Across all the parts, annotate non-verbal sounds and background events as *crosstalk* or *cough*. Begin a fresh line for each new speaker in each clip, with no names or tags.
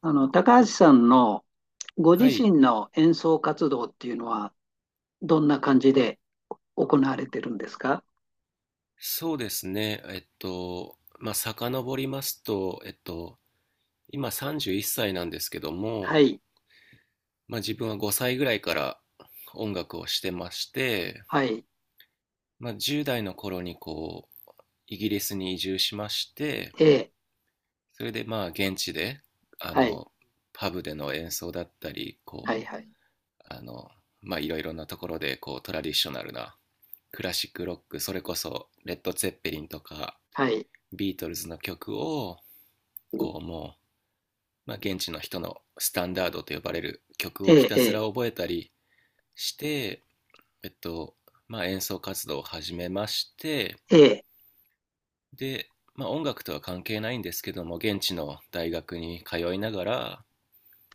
高橋さんのご
は
自
い、
身の演奏活動っていうのは、どんな感じで行われてるんですか？
そうですね。まあ、遡りますと、今31歳なんですけど
は
も、
い、
まあ、自分は5歳ぐらいから音楽をしてまして、
はい、
まあ、10代の頃にこう、イギリスに移住しまして、
ええ、
それでまあ、現地で、あ
はい、
の、パブでの演奏だったり、
はい、
こ
はい、
う、まあ、いろいろなところで、こう、トラディショナルなクラシックロック、それこそ、レッド・ツェッペリンとか、
はい、
ビートルズの曲を、こうもう、まあ、現地の人のスタンダードと呼ばれる曲
え
をひ
え、
た
え
すら
え、
覚えたりして、えっと、まあ、演奏活動を始めまして、
ええ、
で、まあ、音楽とは関係ないんですけども、現地の大学に通いながら、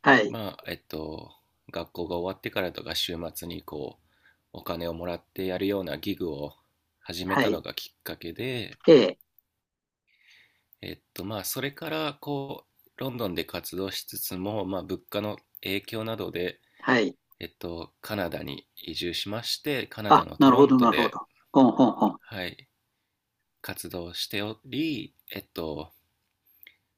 はい、
まあ、学校が終わってからとか週末にこう、お金をもらってやるようなギグを始め
は
た
い、
のがきっかけで、
ええ、
まあ、それからこう、ロンドンで活動しつつも、まあ、物価の影響などで、
はい。
カナダに移住しまして、カナダ
あ、
の
な
ト
る
ロ
ほ
ン
ど、
ト
なるほ
で、
ど。ほんほんほん。
はい、活動しており、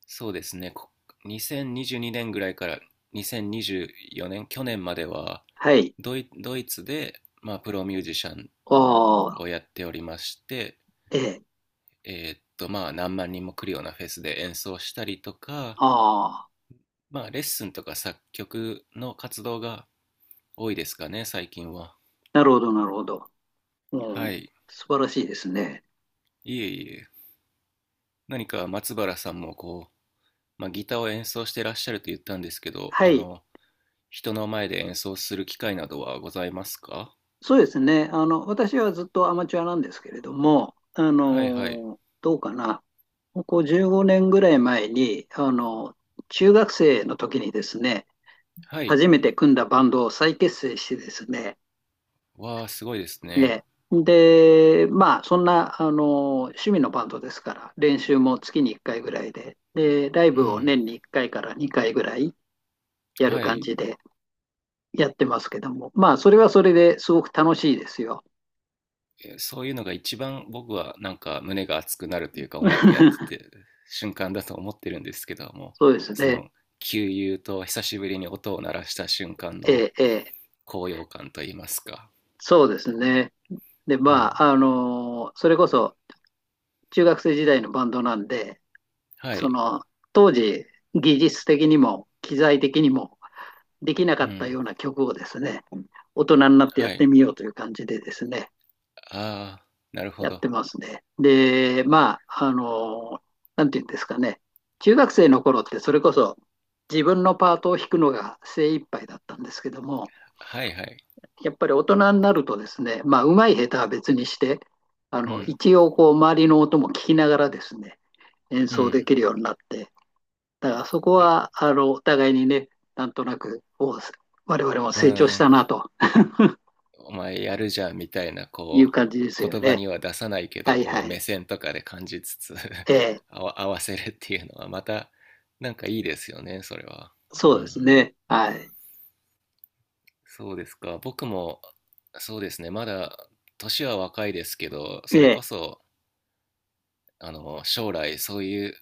そうですね、2022年ぐらいから2024年、去年までは
はい。
ドイツで、まあ、プロミュージシャン
あ
を
あ、
やっておりまして、
ええ、
まあ、何万人も来るようなフェスで演奏したりとか、
ああ、
まあ、レッスンとか作曲の活動が多いですかね、最近は。
なるほど、なるほど。う
は
ん、
い。
素晴らしいですね。
いえいえ。何か松原さんもこう、まあ、ギターを演奏してらっしゃると言ったんですけど、
はい。
人の前で演奏する機会などはございますか？
そうですね。私はずっとアマチュアなんですけれども、
はいはい。
どうかな。ここ15年ぐらい前に、中学生の時にですね、
はい。
初めて組んだバンドを再結成してですね、
わあ、すごいですね。
ね。で、まあ、そんな、趣味のバンドですから、練習も月に1回ぐらいで、ライ
う
ブを
ん。
年に1回かいから2回ぐらいやる
は
感
い。
じでやってますけども、まあ、それはそれですごく楽しいですよ。
そういうのが一番僕はなんか胸が熱くなるというか、音楽やって
*laughs*
て瞬間だと思ってるんですけども、
そうです
そ
ね。
の、急油と久しぶりに音を鳴らした瞬間
え
の
え、ええ。
高揚感といいますか。
そうですね。で、
う
まあ、
ん。
それこそ中学生時代のバンドなんで、
は
そ
い。
の、当時、技術的にも機材的にもできなか
う
った
ん。
ような曲をですね、大人になってやっ
は
て
い。
みようという感じでですね、
ああ、なるほ
やっ
ど。
てますね。で、まあ、なんていうんですかね、中学生の頃ってそれこそ自分のパートを弾くのが精一杯だったんですけども、
はいはい。
やっぱり大人になるとですね、まあ、うまい下手は別にして、
うん。
一応こう周りの音も聞きながらですね、演
う
奏で
ん。
きるようになって、だからそこはお互いにね、なんとなく我々も
う
成長し
ん、
たなと
お前やるじゃんみたいな、
い
こ
う感じです
う、
よ
言葉
ね。
には出さないけ
は
ど
いは
こう
い。
目線とかで感じつつ
ええ、
*laughs* 合わせるっていうのはまたなんかいいですよね、それは。
そ
う
うです
ん、
ね。はい。
そうですか。僕もそうですね、まだ年は若いですけど、それ
ええ
こそ将来そういう、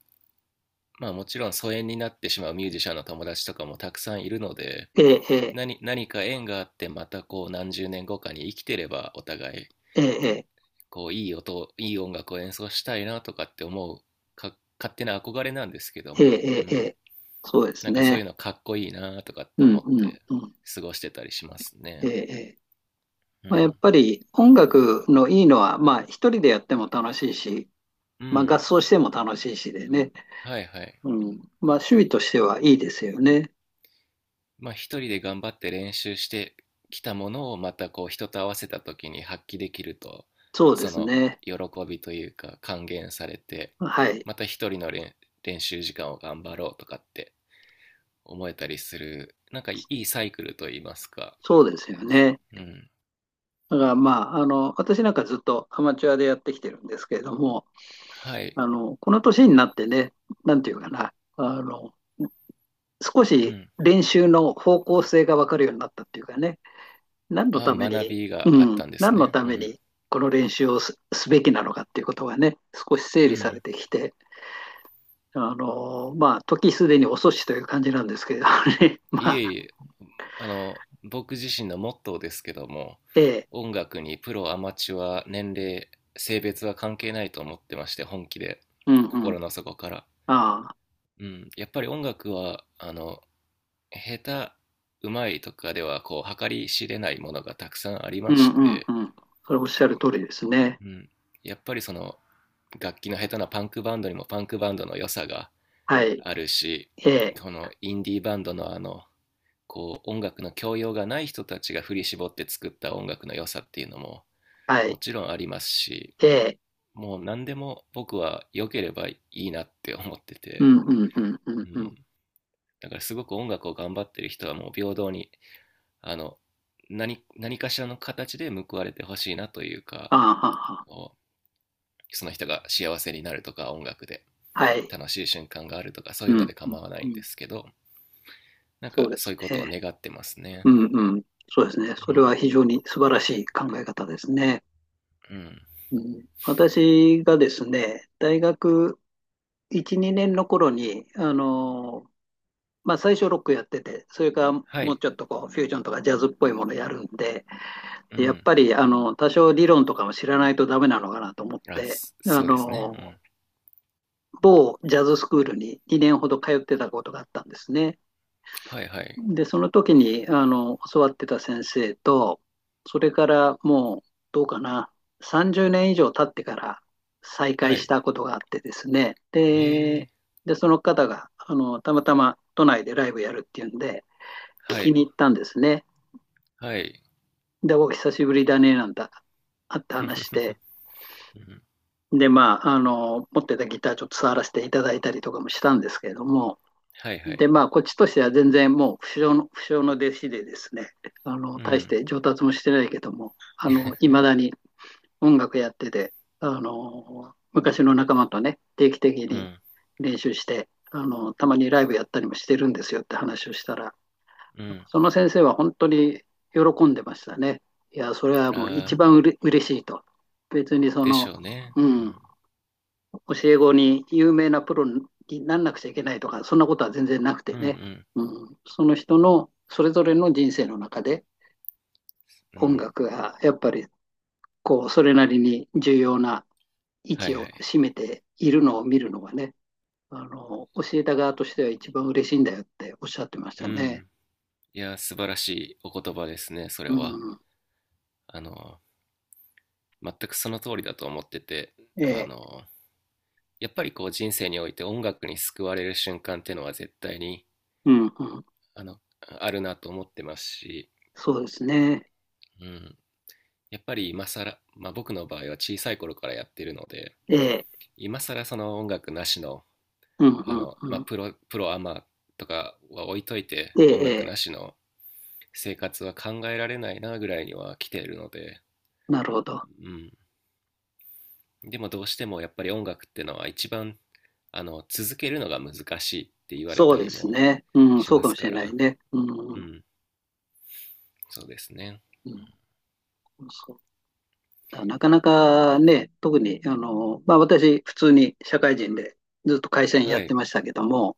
まあ、もちろん疎遠になってしまうミュージシャンの友達とかもたくさんいるので、
ええ
何か縁があってまたこう何十年後かに生きてればお互い
ええええ
こういい音楽を演奏したいなとかって思うか、勝手な憧れなんですけど
ええ
も、
え
う
ええ
ん、
え、そうで
な
す
んかそうい
ね。
うのかっこいいなとかって
う
思
ん
っ
うん
て
うん。
過ごしてたりします
え
ね。
えええ、
う
まあ、や
ん、
っぱり音楽のいいのは、まあ一人でやっても楽しいし、
う
まあ、合
ん。
奏しても楽しいしでね。
はいはい。
うん。まあ、趣味としてはいいですよね。
まあ、一人で頑張って練習してきたものをまたこう人と合わせた時に発揮できると、
そうで
そ
す
の
ね。
喜びというか還元されて、
はい。
また一人の練習時間を頑張ろうとかって思えたりする、なんかいいサイクルといいますか。
そうですよね。
うん。
だから、まあ、私なんかずっとアマチュアでやってきてるんですけれども、
はい。
この年になってね、なんていうかな、少
う
し
ん。
練習の方向性が分かるようになったっていうかね、何の
ああ、
ため
学
に、
び
う
があったんです
何の
ね。
た
う
め
ん。
にこの練習をすべきなのかっていうことがね、少し整
う
理され
ん。
てきて、まあ、時すでに遅しという感じなんですけれどね。*laughs* ま
い
あ、
えいえ、あの、僕自身のモットーですけども、
ええ、
音楽にプロ、アマチュア、年齢、性別は関係ないと思ってまして、本気で、
うんう
心
ん。
の底から。
ああ、
うん。やっぱり音楽は、下手、うまいとかでは、こう、計り知れないものがたくさんありま
うんう
し
ん
て、
うん。それおっしゃる通りですね。
うん。やっぱりその、楽器の下手なパンクバンドにもパンクバンドの良さが
はい。
あるし、
ええ、
このインディーバンドのこう音楽の教養がない人たちが振り絞って作った音楽の良さっていうのも
は
も
い。
ちろんありますし、
ええ、
もう何でも僕は良ければいいなって思って
う
て、
んうんうんうん
う
うん。あ
ん。だからすごく音楽を頑張ってる人はもう平等に、あの、何かしらの形で報われてほしいなというか、
あ、はは。
こうその人が幸せになるとか音楽で
はい。
楽しい瞬間があるとかそう
う
いうの
ん
で
うん
構わな
う
いん
ん。
ですけど、なん
そう
か
で
そ
す
ういうことを
ね。
願ってますね。
うんうん。そうですね。そ
う
れ
ん、
は非常に素晴らしい考え方ですね。
うん。
うん、私がですね、大学1、2年の頃に、まあ、最初ロックやってて、それからも
は
う
い、
ちょっとこうフュージョンとかジャズっぽいものやるんで、
う
でやっ
ん。
ぱり多少理論とかも知らないとダメなのかなと思っ
あ、
て、あ
そうですね。うん。
の某ジャズスクールに2年ほど通ってたことがあったんですね。
はいはい。
で、その時に教わってた先生と、それからもうどうかな、30年以上経ってから再
は
会し
い。
たことがあってですね、
え
で、
え、
でその方がたまたま都内でライブやるっていうんで、聞
は
き
い、
に行ったんですね。
はい。
で、お久しぶりだね、なんて、あって
*laughs* う
話し
ん、
て、で、まあ、持ってたギターちょっと触らせていただいたりとかもしたんですけれども、
はいは
で、
い。
まあ、こっちとしては全然もう不肖の弟子でですね、
う
大し
ん、
て上達もしてないけども、いまだに音楽やってて、昔の仲間とね、定期的
う
に
ん、
練習して、たまにライブやったりもしてるんですよって話をしたら、
うん。
その先生は本当に喜んでましたね。いや、それはもう一
ああ、
番嬉しいと。別に
でしょうね。
う
う
教
ん、
え子に有名なプロになんなくちゃいけないとか、そんなことは全然なくて
う
ね。
ん、
うん、その人のそれぞれの人生の中で
うん、う
音
ん。
楽がやっぱりこうそれなりに重要な位
はい
置を
はい。
占めているのを見るのがね、教えた側としては一番嬉しいんだよっておっしゃってまし
う
たね。
ん。いや、素晴らしいお言葉ですね、それ
う
は。
ん、
あの、全くその通りだと思ってて、
え
あ
え、
の、やっぱりこう人生において音楽に救われる瞬間っていうのは絶対に、
うん、うん、
あるなと思ってますし、
そうですね。
うん。やっぱり今更、まあ、僕の場合は小さい頃からやってるので、
ええ、
今更その音楽なしの
うんうん
まあ、
うん。
プロアマとかは置いといて
え
音
え、
楽な
え
し
え、
の生活は考えられないなぐらいには来ているので、
なるほど。
うん、でもどうしてもやっぱり音楽ってのは一番続けるのが難しいって言われ
そ
た
うで
り
す
も
ね。うん、
し
そう
ま
か
す
もし
か
れない
ら。
ね。う
う
ん、
ん、そうですね。
うん、そうだなかなかね、特に、まあ私、普通に社会人でずっと会社員や
は
って
い。
ましたけども、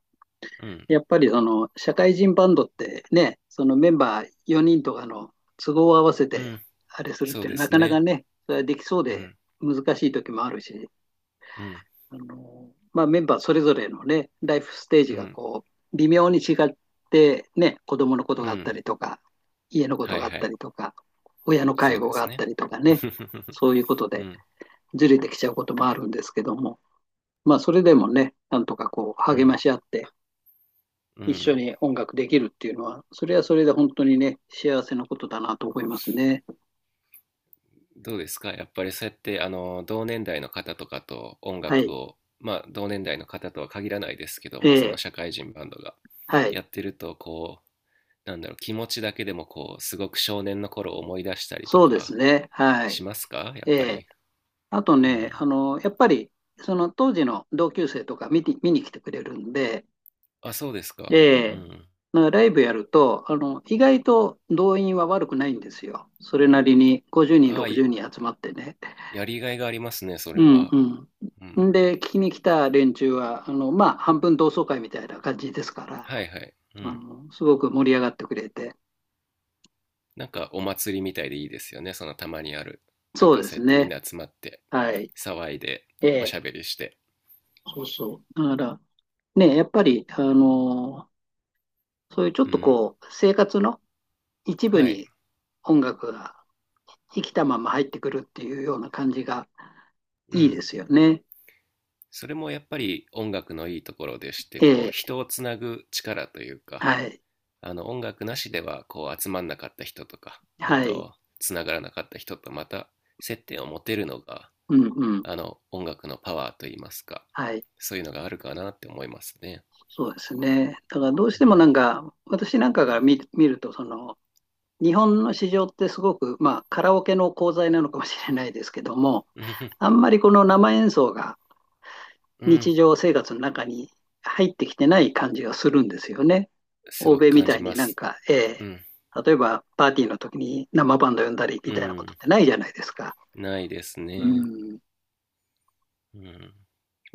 うん、
やっぱりその社会人バンドってね、そのメンバー4人とかの都合を合わせ
う
て、
ん。
あれするっ
そう
ていう
で
のはな
す
かなか
ね。
ね、それはできそう
う
で
ん、
難しい時もあるし、
うん、
まあ、メンバーそれぞれのね、ライフステージ
う
が
ん、
こう、微妙に違って、ね、子供のこと
う
があった
ん。
りとか、家のこと
はい
があっ
は
た
い。
りとか、親の
そ
介
う
護
で
があ
す
った
ね。
りとか
*laughs*
ね、そういうこと
う
で
ん、
ずれてきちゃうこともあるんですけども、まあ、それでもね、なんとかこう、
う
励ま
ん、
し合って、
う
一緒
ん。
に音楽できるっていうのは、それはそれで本当にね、幸せなことだなと思いますね。
どうですか、やっぱりそうやってあの同年代の方とかと音
は
楽
い。
を、まあ、同年代の方とは限らないですけど
え
も、その
ー
社会人バンドが
はい。
やってると、こう、なんだろう、気持ちだけでもこう、すごく少年の頃を思い出したりと
そうです
か
ね。は
し
い。
ますか、やっ
え
ぱ
え、
り。
あと
う
ね、
ん。
やっぱり、その当時の同級生とか見に来てくれるんで、
あ、そうです
え
か。う
え、
ん。
まあライブやると、意外と動員は悪くないんですよ。それなりに50人、
ああ、
60人集まってね。
やりがいがありますね、そ
う
れは。
ん
う
うん。ん
ん。
で、聞きに来た連中は、まあ、半分同窓会みたいな感じですから、
はいはい。うん。
すごく盛り上がってくれて。
なんかお祭りみたいでいいですよね、そのたまにある。なん
そう
か
で
そ
す
うやってみん
ね。
な集まって
はい。
騒いで
え
おし
え、
ゃべりして。
そうそう。だから、ね、やっぱり、そういうちょっ
う
と
ん。
こう、生活の一部
はい。
に音楽が生きたまま入ってくるっていうような感じが
う
いいで
ん。
すよね。
それもやっぱり音楽のいいところでして、
え
こう
え、
人をつなぐ力というか、
はい、
あの音楽なしではこう集まんなかった人とか、
はい、
つながらなかった人とまた接点を持てるのが、
うんうん、
あの音楽のパワーといいますか、
はい、
そういうのがあるかなって思いますね。
そうですね。だからどうして
う
もな
ん。
んか、私なんかが見ると、日本の市場ってすごく、まあ、カラオケの功罪なのかもしれないですけども、あんまりこの生演奏が
うん。
日常生活の中に入ってきてない感じがするんですよね。
す
欧
ごく
米み
感
た
じ
いに
ま
なん
す。
か、ー
うん。
例えばパーティーの時に生バンド呼んだりみ
う
たいなことっ
ん、
てないじゃないですか。
ないです
う
ね。
ん。
うん。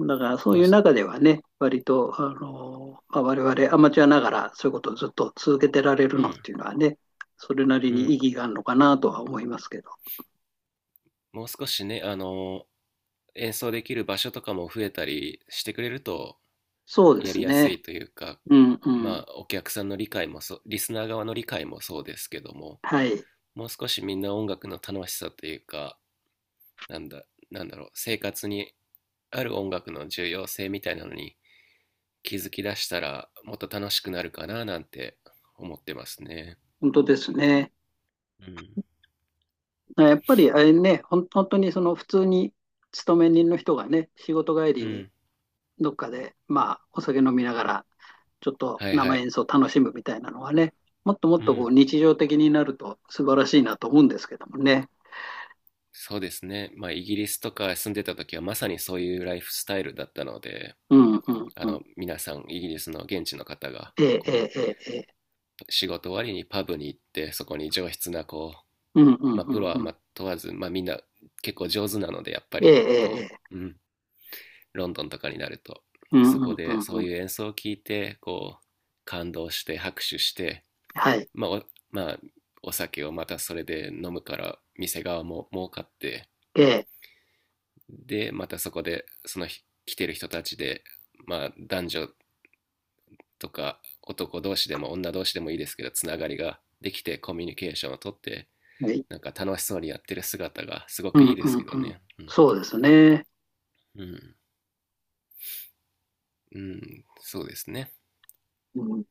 だからそう
ど
い
う
う
し、
中ではね、割と、まあ、我々アマチュアながらそういうことをずっと続けてられる
う
のっ
ん、
ていうのはね、それなり
う
に意
ん。
義があるのかなとは思いますけど。
もう少しね、演奏できる場所とかも増えたりしてくれると
そうで
や
す
りやす
ね。
いというか、
うんうん。
まあ、お客さんの理解もそう、リスナー側の理解もそうですけども、
はい。
もう少しみんな音楽の楽しさというか、なんだ、なんだろう、生活にある音楽の重要性みたいなのに気づき出したら、もっと楽しくなるかななんて思ってますね。
本当ですね。
うん。
やっぱりあれね、本当にその普通に勤め人の人がね、仕事帰
う
りに
ん。
どっかで、まあ、お酒飲みながら、ちょっと
はいは
生
い。
演奏楽しむみたいなのはね、もっともっ
う
とこ
ん。
う日常的になると素晴らしいなと思うんですけどもね。
そうですね。まあ、イギリスとか住んでた時はまさにそういうライフスタイルだったので、
うんうん
あ
うん。
の、皆さん、イギリスの現地の方が、
えええ
こ
えええ。
う、仕事終わりにパブに行って、そこに上質な、こう、
うんうん
まあ、
う
プロは
んう
ま
ん。
あ問わず、まあ、みんな結構上手なので、やっぱ
ええ
り、
ええ。
こ
ええ、
う、うん、ロンドンとかになると、
う
そ
んう
こ
んう
で
ん
そ
う
う
ん。
いう演奏を聞いて、こう、感動して拍手して、
はい。
まあ、お、まあ、お酒をまたそれで飲むから、店側も儲かって、
ええ。
で、またそこで、その日来てる人たちで、まあ、男女とか男同士でも女同士でもいいですけど、つながりができてコミュニケーションをとって、
はい。
なんか楽しそうにやってる姿がすご
う
くいい
ん
で
う
すけ
ん
ど
うん。
ね。うん。
そうですね。
うん。うん、そうですね。
うん